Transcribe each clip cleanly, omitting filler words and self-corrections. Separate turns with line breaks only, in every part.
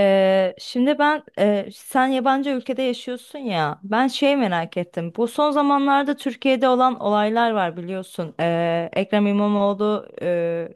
Şimdi ben sen yabancı ülkede yaşıyorsun ya, ben şey merak ettim, bu son zamanlarda Türkiye'de olan olaylar var biliyorsun. Ekrem İmamoğlu e,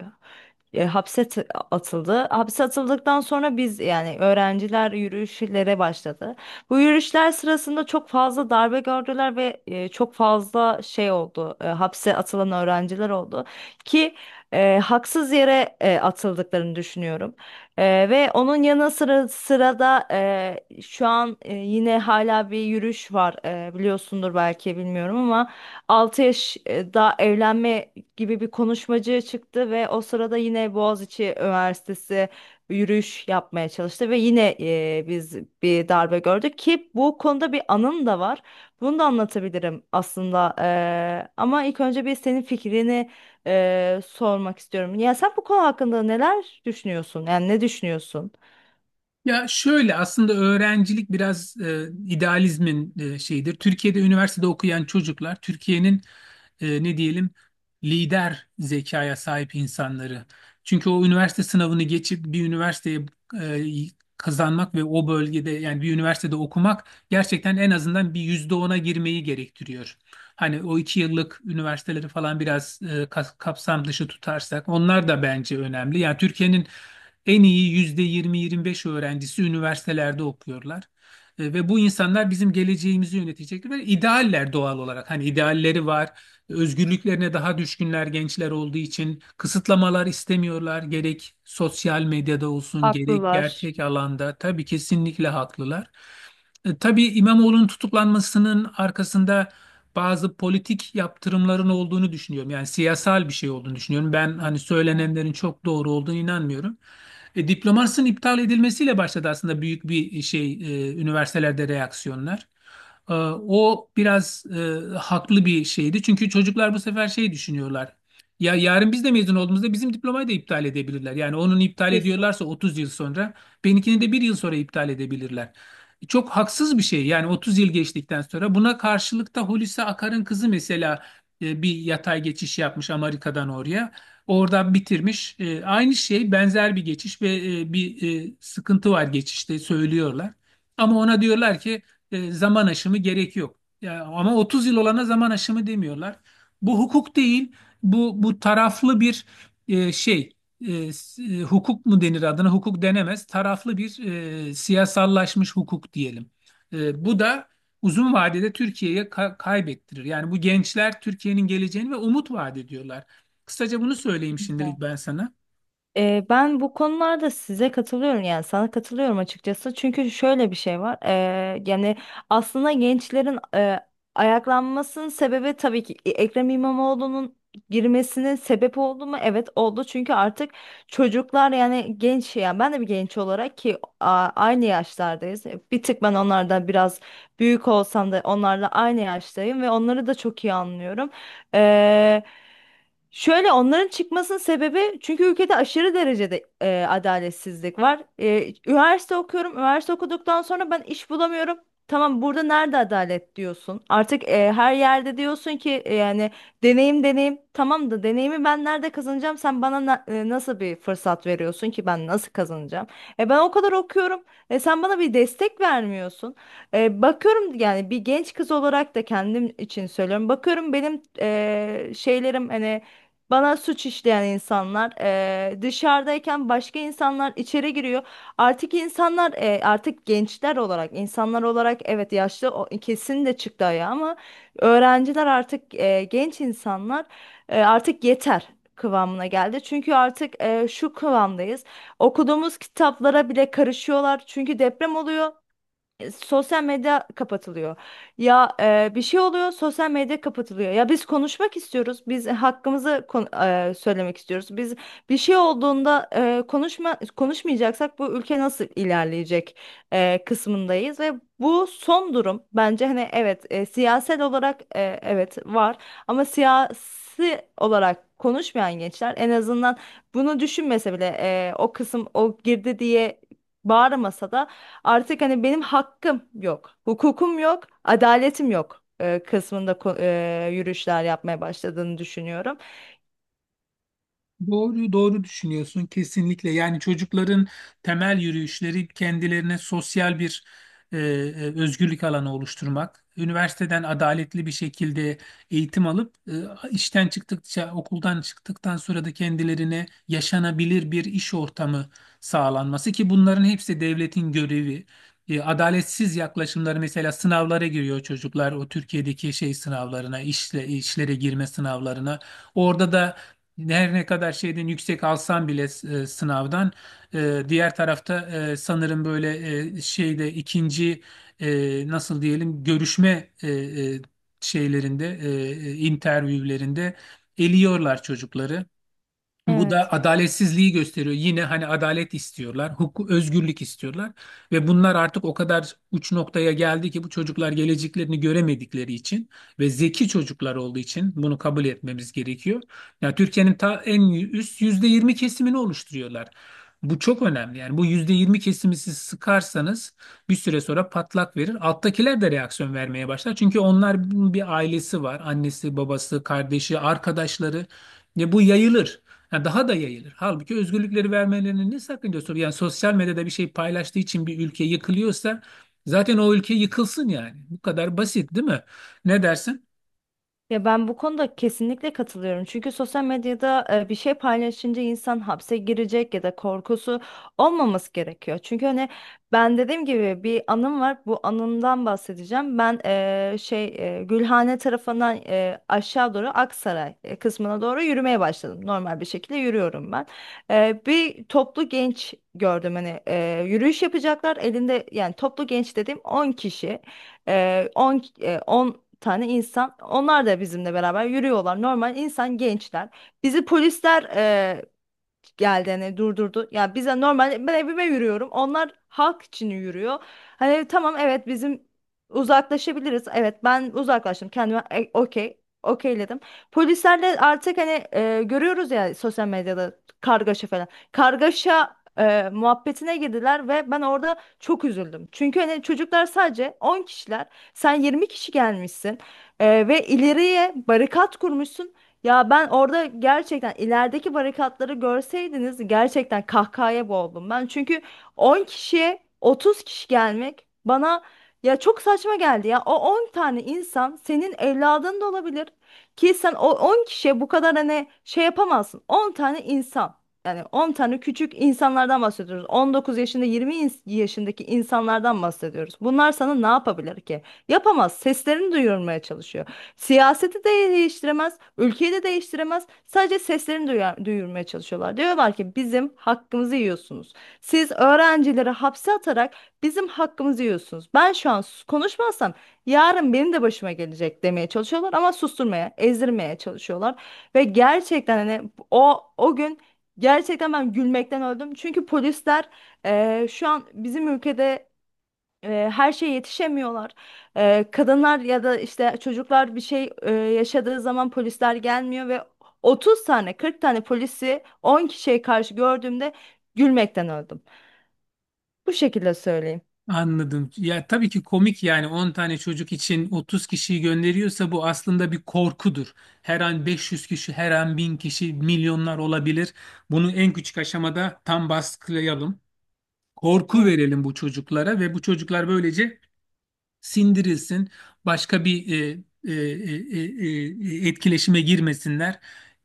e, hapse atıldı. Hapse atıldıktan sonra biz yani öğrenciler yürüyüşlere başladı. Bu yürüyüşler sırasında çok fazla darbe gördüler ve çok fazla şey oldu, hapse atılan öğrenciler oldu ki haksız yere atıldıklarını düşünüyorum. Ve onun yanı sıra sırada şu an yine hala bir yürüyüş var. Biliyorsundur belki, bilmiyorum ama 6 yaş daha evlenme gibi bir konuşmacı çıktı ve o sırada yine Boğaziçi Üniversitesi yürüyüş yapmaya çalıştı ve yine biz bir darbe gördük ki bu konuda bir anım da var. Bunu da anlatabilirim aslında. Ama ilk önce bir senin fikrini sormak istiyorum. Ya sen bu konu hakkında neler düşünüyorsun? Yani ne düşünüyorsun?
Ya şöyle aslında öğrencilik biraz idealizmin şeyidir. Türkiye'de üniversitede okuyan çocuklar Türkiye'nin ne diyelim lider zekaya sahip insanları. Çünkü o üniversite sınavını geçip bir üniversiteye e, kazanmak ve o bölgede yani bir üniversitede okumak gerçekten en azından bir yüzde ona girmeyi gerektiriyor. Hani o iki yıllık üniversiteleri falan biraz kapsam dışı tutarsak onlar da bence önemli. Yani Türkiye'nin en iyi yüzde yirmi yirmi beş öğrencisi üniversitelerde okuyorlar. Ve bu insanlar bizim geleceğimizi yönetecekler ve idealler doğal olarak. Hani idealleri var, özgürlüklerine daha düşkünler gençler olduğu için kısıtlamalar istemiyorlar. Gerek sosyal medyada olsun, gerek
Haklılar.
gerçek alanda. Tabii kesinlikle haklılar. Tabii İmamoğlu'nun tutuklanmasının arkasında bazı politik yaptırımların olduğunu düşünüyorum. Yani siyasal bir şey olduğunu düşünüyorum. Ben hani
Evet.
söylenenlerin çok doğru olduğunu inanmıyorum. Diplomasının iptal edilmesiyle başladı aslında büyük bir şey üniversitelerde reaksiyonlar. O biraz haklı bir şeydi. Çünkü çocuklar bu sefer şey düşünüyorlar. Ya yarın biz de mezun olduğumuzda bizim diplomayı da iptal edebilirler. Yani onun iptal
Kesin.
ediyorlarsa 30 yıl sonra benimkini de bir yıl sonra iptal edebilirler. Çok haksız bir şey yani 30 yıl geçtikten sonra. Buna karşılık da Hulusi Akar'ın kızı mesela bir yatay geçiş yapmış Amerika'dan oraya. Oradan bitirmiş. Aynı şey benzer bir geçiş ve bir sıkıntı var geçişte söylüyorlar. Ama ona diyorlar ki zaman aşımı gerek yok. Ya, ama 30 yıl olana zaman aşımı demiyorlar. Bu hukuk değil. Bu taraflı bir şey. Hukuk mu denir adına? Hukuk denemez. Taraflı bir siyasallaşmış hukuk diyelim. Bu da uzun vadede Türkiye'ye kaybettirir. Yani bu gençler Türkiye'nin geleceğini ve umut vaat ediyorlar. Kısaca bunu söyleyeyim şimdilik ben sana.
Ben bu konularda size katılıyorum, yani sana katılıyorum açıkçası, çünkü şöyle bir şey var. Yani aslında gençlerin ayaklanmasının sebebi tabii ki Ekrem İmamoğlu'nun girmesinin sebep oldu mu? Evet oldu. Çünkü artık çocuklar yani genç, yani ben de bir genç olarak ki aynı yaşlardayız. Bir tık ben onlardan biraz büyük olsam da onlarla aynı yaştayım ve onları da çok iyi anlıyorum. Ee, Şöyle, onların çıkmasının sebebi, çünkü ülkede aşırı derecede adaletsizlik var. Üniversite okuyorum. Üniversite okuduktan sonra ben iş bulamıyorum. Tamam, burada nerede adalet diyorsun? Artık her yerde diyorsun ki yani deneyim deneyim. Tamam da deneyimi ben nerede kazanacağım? Sen bana nasıl bir fırsat veriyorsun ki ben nasıl kazanacağım? Ben o kadar okuyorum. Sen bana bir destek vermiyorsun. Bakıyorum, yani bir genç kız olarak da kendim için söylüyorum. Bakıyorum benim şeylerim hani, bana suç işleyen insanlar dışarıdayken başka insanlar içeri giriyor. Artık insanlar artık gençler olarak, insanlar olarak, evet yaşlı kesin de çıktı ayağa ama öğrenciler artık genç insanlar artık yeter kıvamına geldi. Çünkü artık şu kıvamdayız. Okuduğumuz kitaplara bile karışıyorlar. Çünkü deprem oluyor, sosyal medya kapatılıyor. Ya bir şey oluyor, sosyal medya kapatılıyor. Ya biz konuşmak istiyoruz, biz hakkımızı söylemek istiyoruz. Biz bir şey olduğunda konuşma konuşmayacaksak bu ülke nasıl ilerleyecek kısmındayız ve bu son durum bence hani evet siyasel olarak, evet var, ama siyasi olarak konuşmayan gençler en azından bunu düşünmese bile o kısım o girdi diye bağırmasa da artık hani benim hakkım yok, hukukum yok, adaletim yok kısmında yürüyüşler yapmaya başladığını düşünüyorum.
Doğru, doğru düşünüyorsun kesinlikle. Yani çocukların temel yürüyüşleri kendilerine sosyal bir özgürlük alanı oluşturmak. Üniversiteden adaletli bir şekilde eğitim alıp işten çıktıkça, okuldan çıktıktan sonra da kendilerine yaşanabilir bir iş ortamı sağlanması ki bunların hepsi devletin görevi. Adaletsiz yaklaşımları mesela sınavlara giriyor çocuklar o Türkiye'deki şey sınavlarına, işle, işlere girme sınavlarına. Orada da her ne kadar şeyden yüksek alsan bile sınavdan diğer tarafta sanırım böyle şeyde ikinci nasıl diyelim görüşme e, şeylerinde interviewlerinde eliyorlar çocukları. Bu
Evet.
da adaletsizliği gösteriyor. Yine hani adalet istiyorlar, hukuk, özgürlük istiyorlar ve bunlar artık o kadar uç noktaya geldi ki bu çocuklar geleceklerini göremedikleri için ve zeki çocuklar olduğu için bunu kabul etmemiz gerekiyor. Yani Türkiye'nin ta en üst %20 kesimini oluşturuyorlar. Bu çok önemli. Yani bu %20 kesimi siz sıkarsanız bir süre sonra patlak verir. Alttakiler de reaksiyon vermeye başlar. Çünkü onlar bir ailesi var. Annesi, babası, kardeşi, arkadaşları. Ya bu yayılır. Ha, daha da yayılır. Halbuki özgürlükleri vermelerinin ne sakıncası olur? Yani sosyal medyada bir şey paylaştığı için bir ülke yıkılıyorsa zaten o ülke yıkılsın yani. Bu kadar basit değil mi? Ne dersin?
Ya ben bu konuda kesinlikle katılıyorum. Çünkü sosyal medyada bir şey paylaşınca insan hapse girecek ya da korkusu olmaması gerekiyor. Çünkü hani ben dediğim gibi bir anım var. Bu anımdan bahsedeceğim. Ben şey, Gülhane tarafından aşağı doğru Aksaray kısmına doğru yürümeye başladım. Normal bir şekilde yürüyorum ben. Bir toplu genç gördüm, hani yürüyüş yapacaklar. Elinde yani toplu genç dediğim on kişi. 10 10 tane insan, onlar da bizimle beraber yürüyorlar. Normal insan gençler. Bizi polisler geldi hani durdurdu. Ya bize normal, ben evime yürüyorum. Onlar halk için yürüyor. Hani tamam, evet bizim uzaklaşabiliriz. Evet, ben uzaklaştım, kendime okey okeyledim. Polislerle artık hani görüyoruz ya sosyal medyada kargaşa falan. Kargaşa muhabbetine girdiler ve ben orada çok üzüldüm. Çünkü hani çocuklar sadece 10 kişiler. Sen 20 kişi gelmişsin ve ileriye barikat kurmuşsun. Ya ben orada gerçekten, ilerideki barikatları görseydiniz, gerçekten kahkahaya boğuldum ben. Çünkü 10 kişiye 30 kişi gelmek bana ya çok saçma geldi ya. O 10 tane insan senin evladın da olabilir ki sen o 10 kişiye bu kadar hani şey yapamazsın. 10 tane insan. Yani 10 tane küçük insanlardan bahsediyoruz. 19 yaşında, yaşındaki insanlardan bahsediyoruz. Bunlar sana ne yapabilir ki? Yapamaz. Seslerini duyurmaya çalışıyor. Siyaseti de değiştiremez, ülkeyi de değiştiremez. Sadece seslerini duyar, duyurmaya çalışıyorlar. Diyorlar ki bizim hakkımızı yiyorsunuz. Siz öğrencileri hapse atarak bizim hakkımızı yiyorsunuz. Ben şu an konuşmazsam yarın benim de başıma gelecek demeye çalışıyorlar, ama susturmaya, ezdirmeye çalışıyorlar. Ve gerçekten hani o gün gerçekten ben gülmekten öldüm. Çünkü polisler şu an bizim ülkede her şeye yetişemiyorlar. Kadınlar ya da işte çocuklar bir şey yaşadığı zaman polisler gelmiyor ve 30 tane 40 tane polisi 10 kişiye karşı gördüğümde gülmekten öldüm. Bu şekilde söyleyeyim.
Anladım. Ya tabii ki komik yani 10 tane çocuk için 30 kişiyi gönderiyorsa bu aslında bir korkudur. Her an 500 kişi, her an 1000 kişi, milyonlar olabilir. Bunu en küçük aşamada tam baskılayalım. Korku verelim bu çocuklara ve bu çocuklar böylece sindirilsin, başka bir e, e, e, etkileşime girmesinler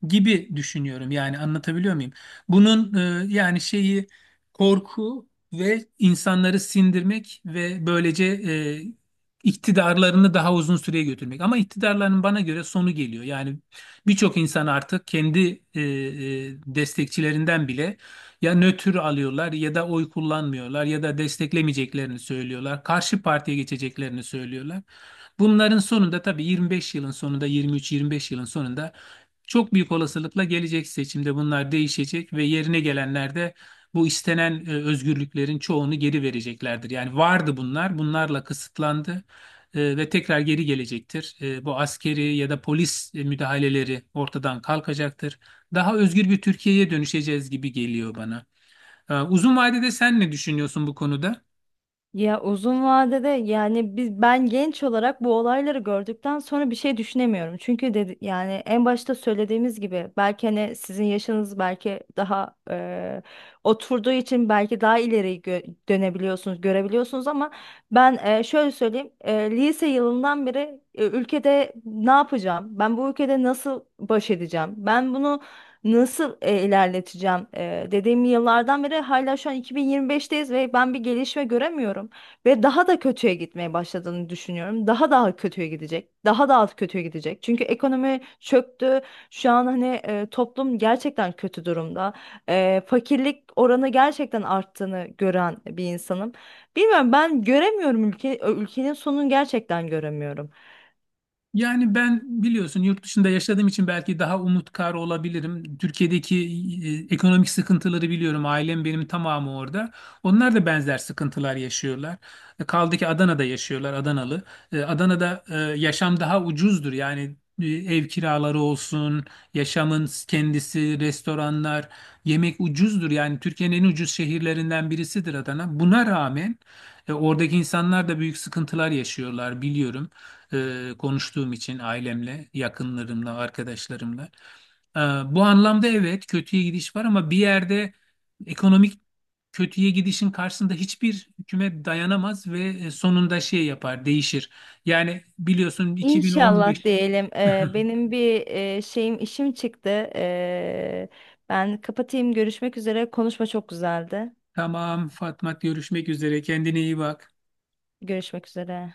gibi düşünüyorum. Yani anlatabiliyor muyum? Bunun yani şeyi korku ve insanları sindirmek ve böylece iktidarlarını daha uzun süreye götürmek. Ama iktidarların bana göre sonu geliyor. Yani birçok insan artık kendi destekçilerinden bile ya nötr alıyorlar ya da oy kullanmıyorlar ya da desteklemeyeceklerini söylüyorlar. Karşı partiye geçeceklerini söylüyorlar. Bunların sonunda tabii 25 yılın sonunda 23-25 yılın sonunda çok büyük olasılıkla gelecek seçimde bunlar değişecek ve yerine gelenler de bu istenen özgürlüklerin çoğunu geri vereceklerdir. Yani vardı bunlar, bunlarla kısıtlandı ve tekrar geri gelecektir. Bu askeri ya da polis müdahaleleri ortadan kalkacaktır, daha özgür bir Türkiye'ye dönüşeceğiz gibi geliyor bana. Uzun vadede sen ne düşünüyorsun bu konuda?
Ya uzun vadede yani biz, ben genç olarak bu olayları gördükten sonra bir şey düşünemiyorum. Çünkü dedi, yani en başta söylediğimiz gibi belki hani sizin yaşınız belki daha oturduğu için belki daha ileri dönebiliyorsunuz, görebiliyorsunuz, ama ben şöyle söyleyeyim, lise yılından beri ülkede ne yapacağım? Ben bu ülkede nasıl baş edeceğim? Ben bunu nasıl ilerleteceğim? Dediğim yıllardan beri hala şu an 2025'teyiz ve ben bir gelişme göremiyorum. Ve daha da kötüye gitmeye başladığını düşünüyorum. Daha daha kötüye gidecek. Daha daha kötüye gidecek. Çünkü ekonomi çöktü. Şu an hani toplum gerçekten kötü durumda. Fakirlik oranı gerçekten arttığını gören bir insanım. Bilmiyorum, ben göremiyorum, ülke ülkenin sonunu gerçekten göremiyorum.
Yani ben biliyorsun yurt dışında yaşadığım için belki daha umutkar olabilirim. Türkiye'deki ekonomik sıkıntıları biliyorum. Ailem benim tamamı orada. Onlar da benzer sıkıntılar yaşıyorlar. Kaldı ki Adana'da yaşıyorlar, Adanalı. Adana'da yaşam daha ucuzdur. Yani ev kiraları olsun, yaşamın kendisi, restoranlar, yemek ucuzdur. Yani Türkiye'nin en ucuz şehirlerinden birisidir Adana. Buna rağmen oradaki insanlar da büyük sıkıntılar yaşıyorlar biliyorum konuştuğum için ailemle, yakınlarımla, arkadaşlarımla. E, Bu anlamda evet kötüye gidiş var ama bir yerde ekonomik kötüye gidişin karşısında hiçbir hükümet dayanamaz ve sonunda şey yapar, değişir. Yani biliyorsun
İnşallah
2015
diyelim. Benim bir şeyim işim çıktı. Ee, Ben kapatayım. Görüşmek üzere. Konuşma çok güzeldi.
tamam Fatma, görüşmek üzere, kendine iyi bak.
Görüşmek üzere.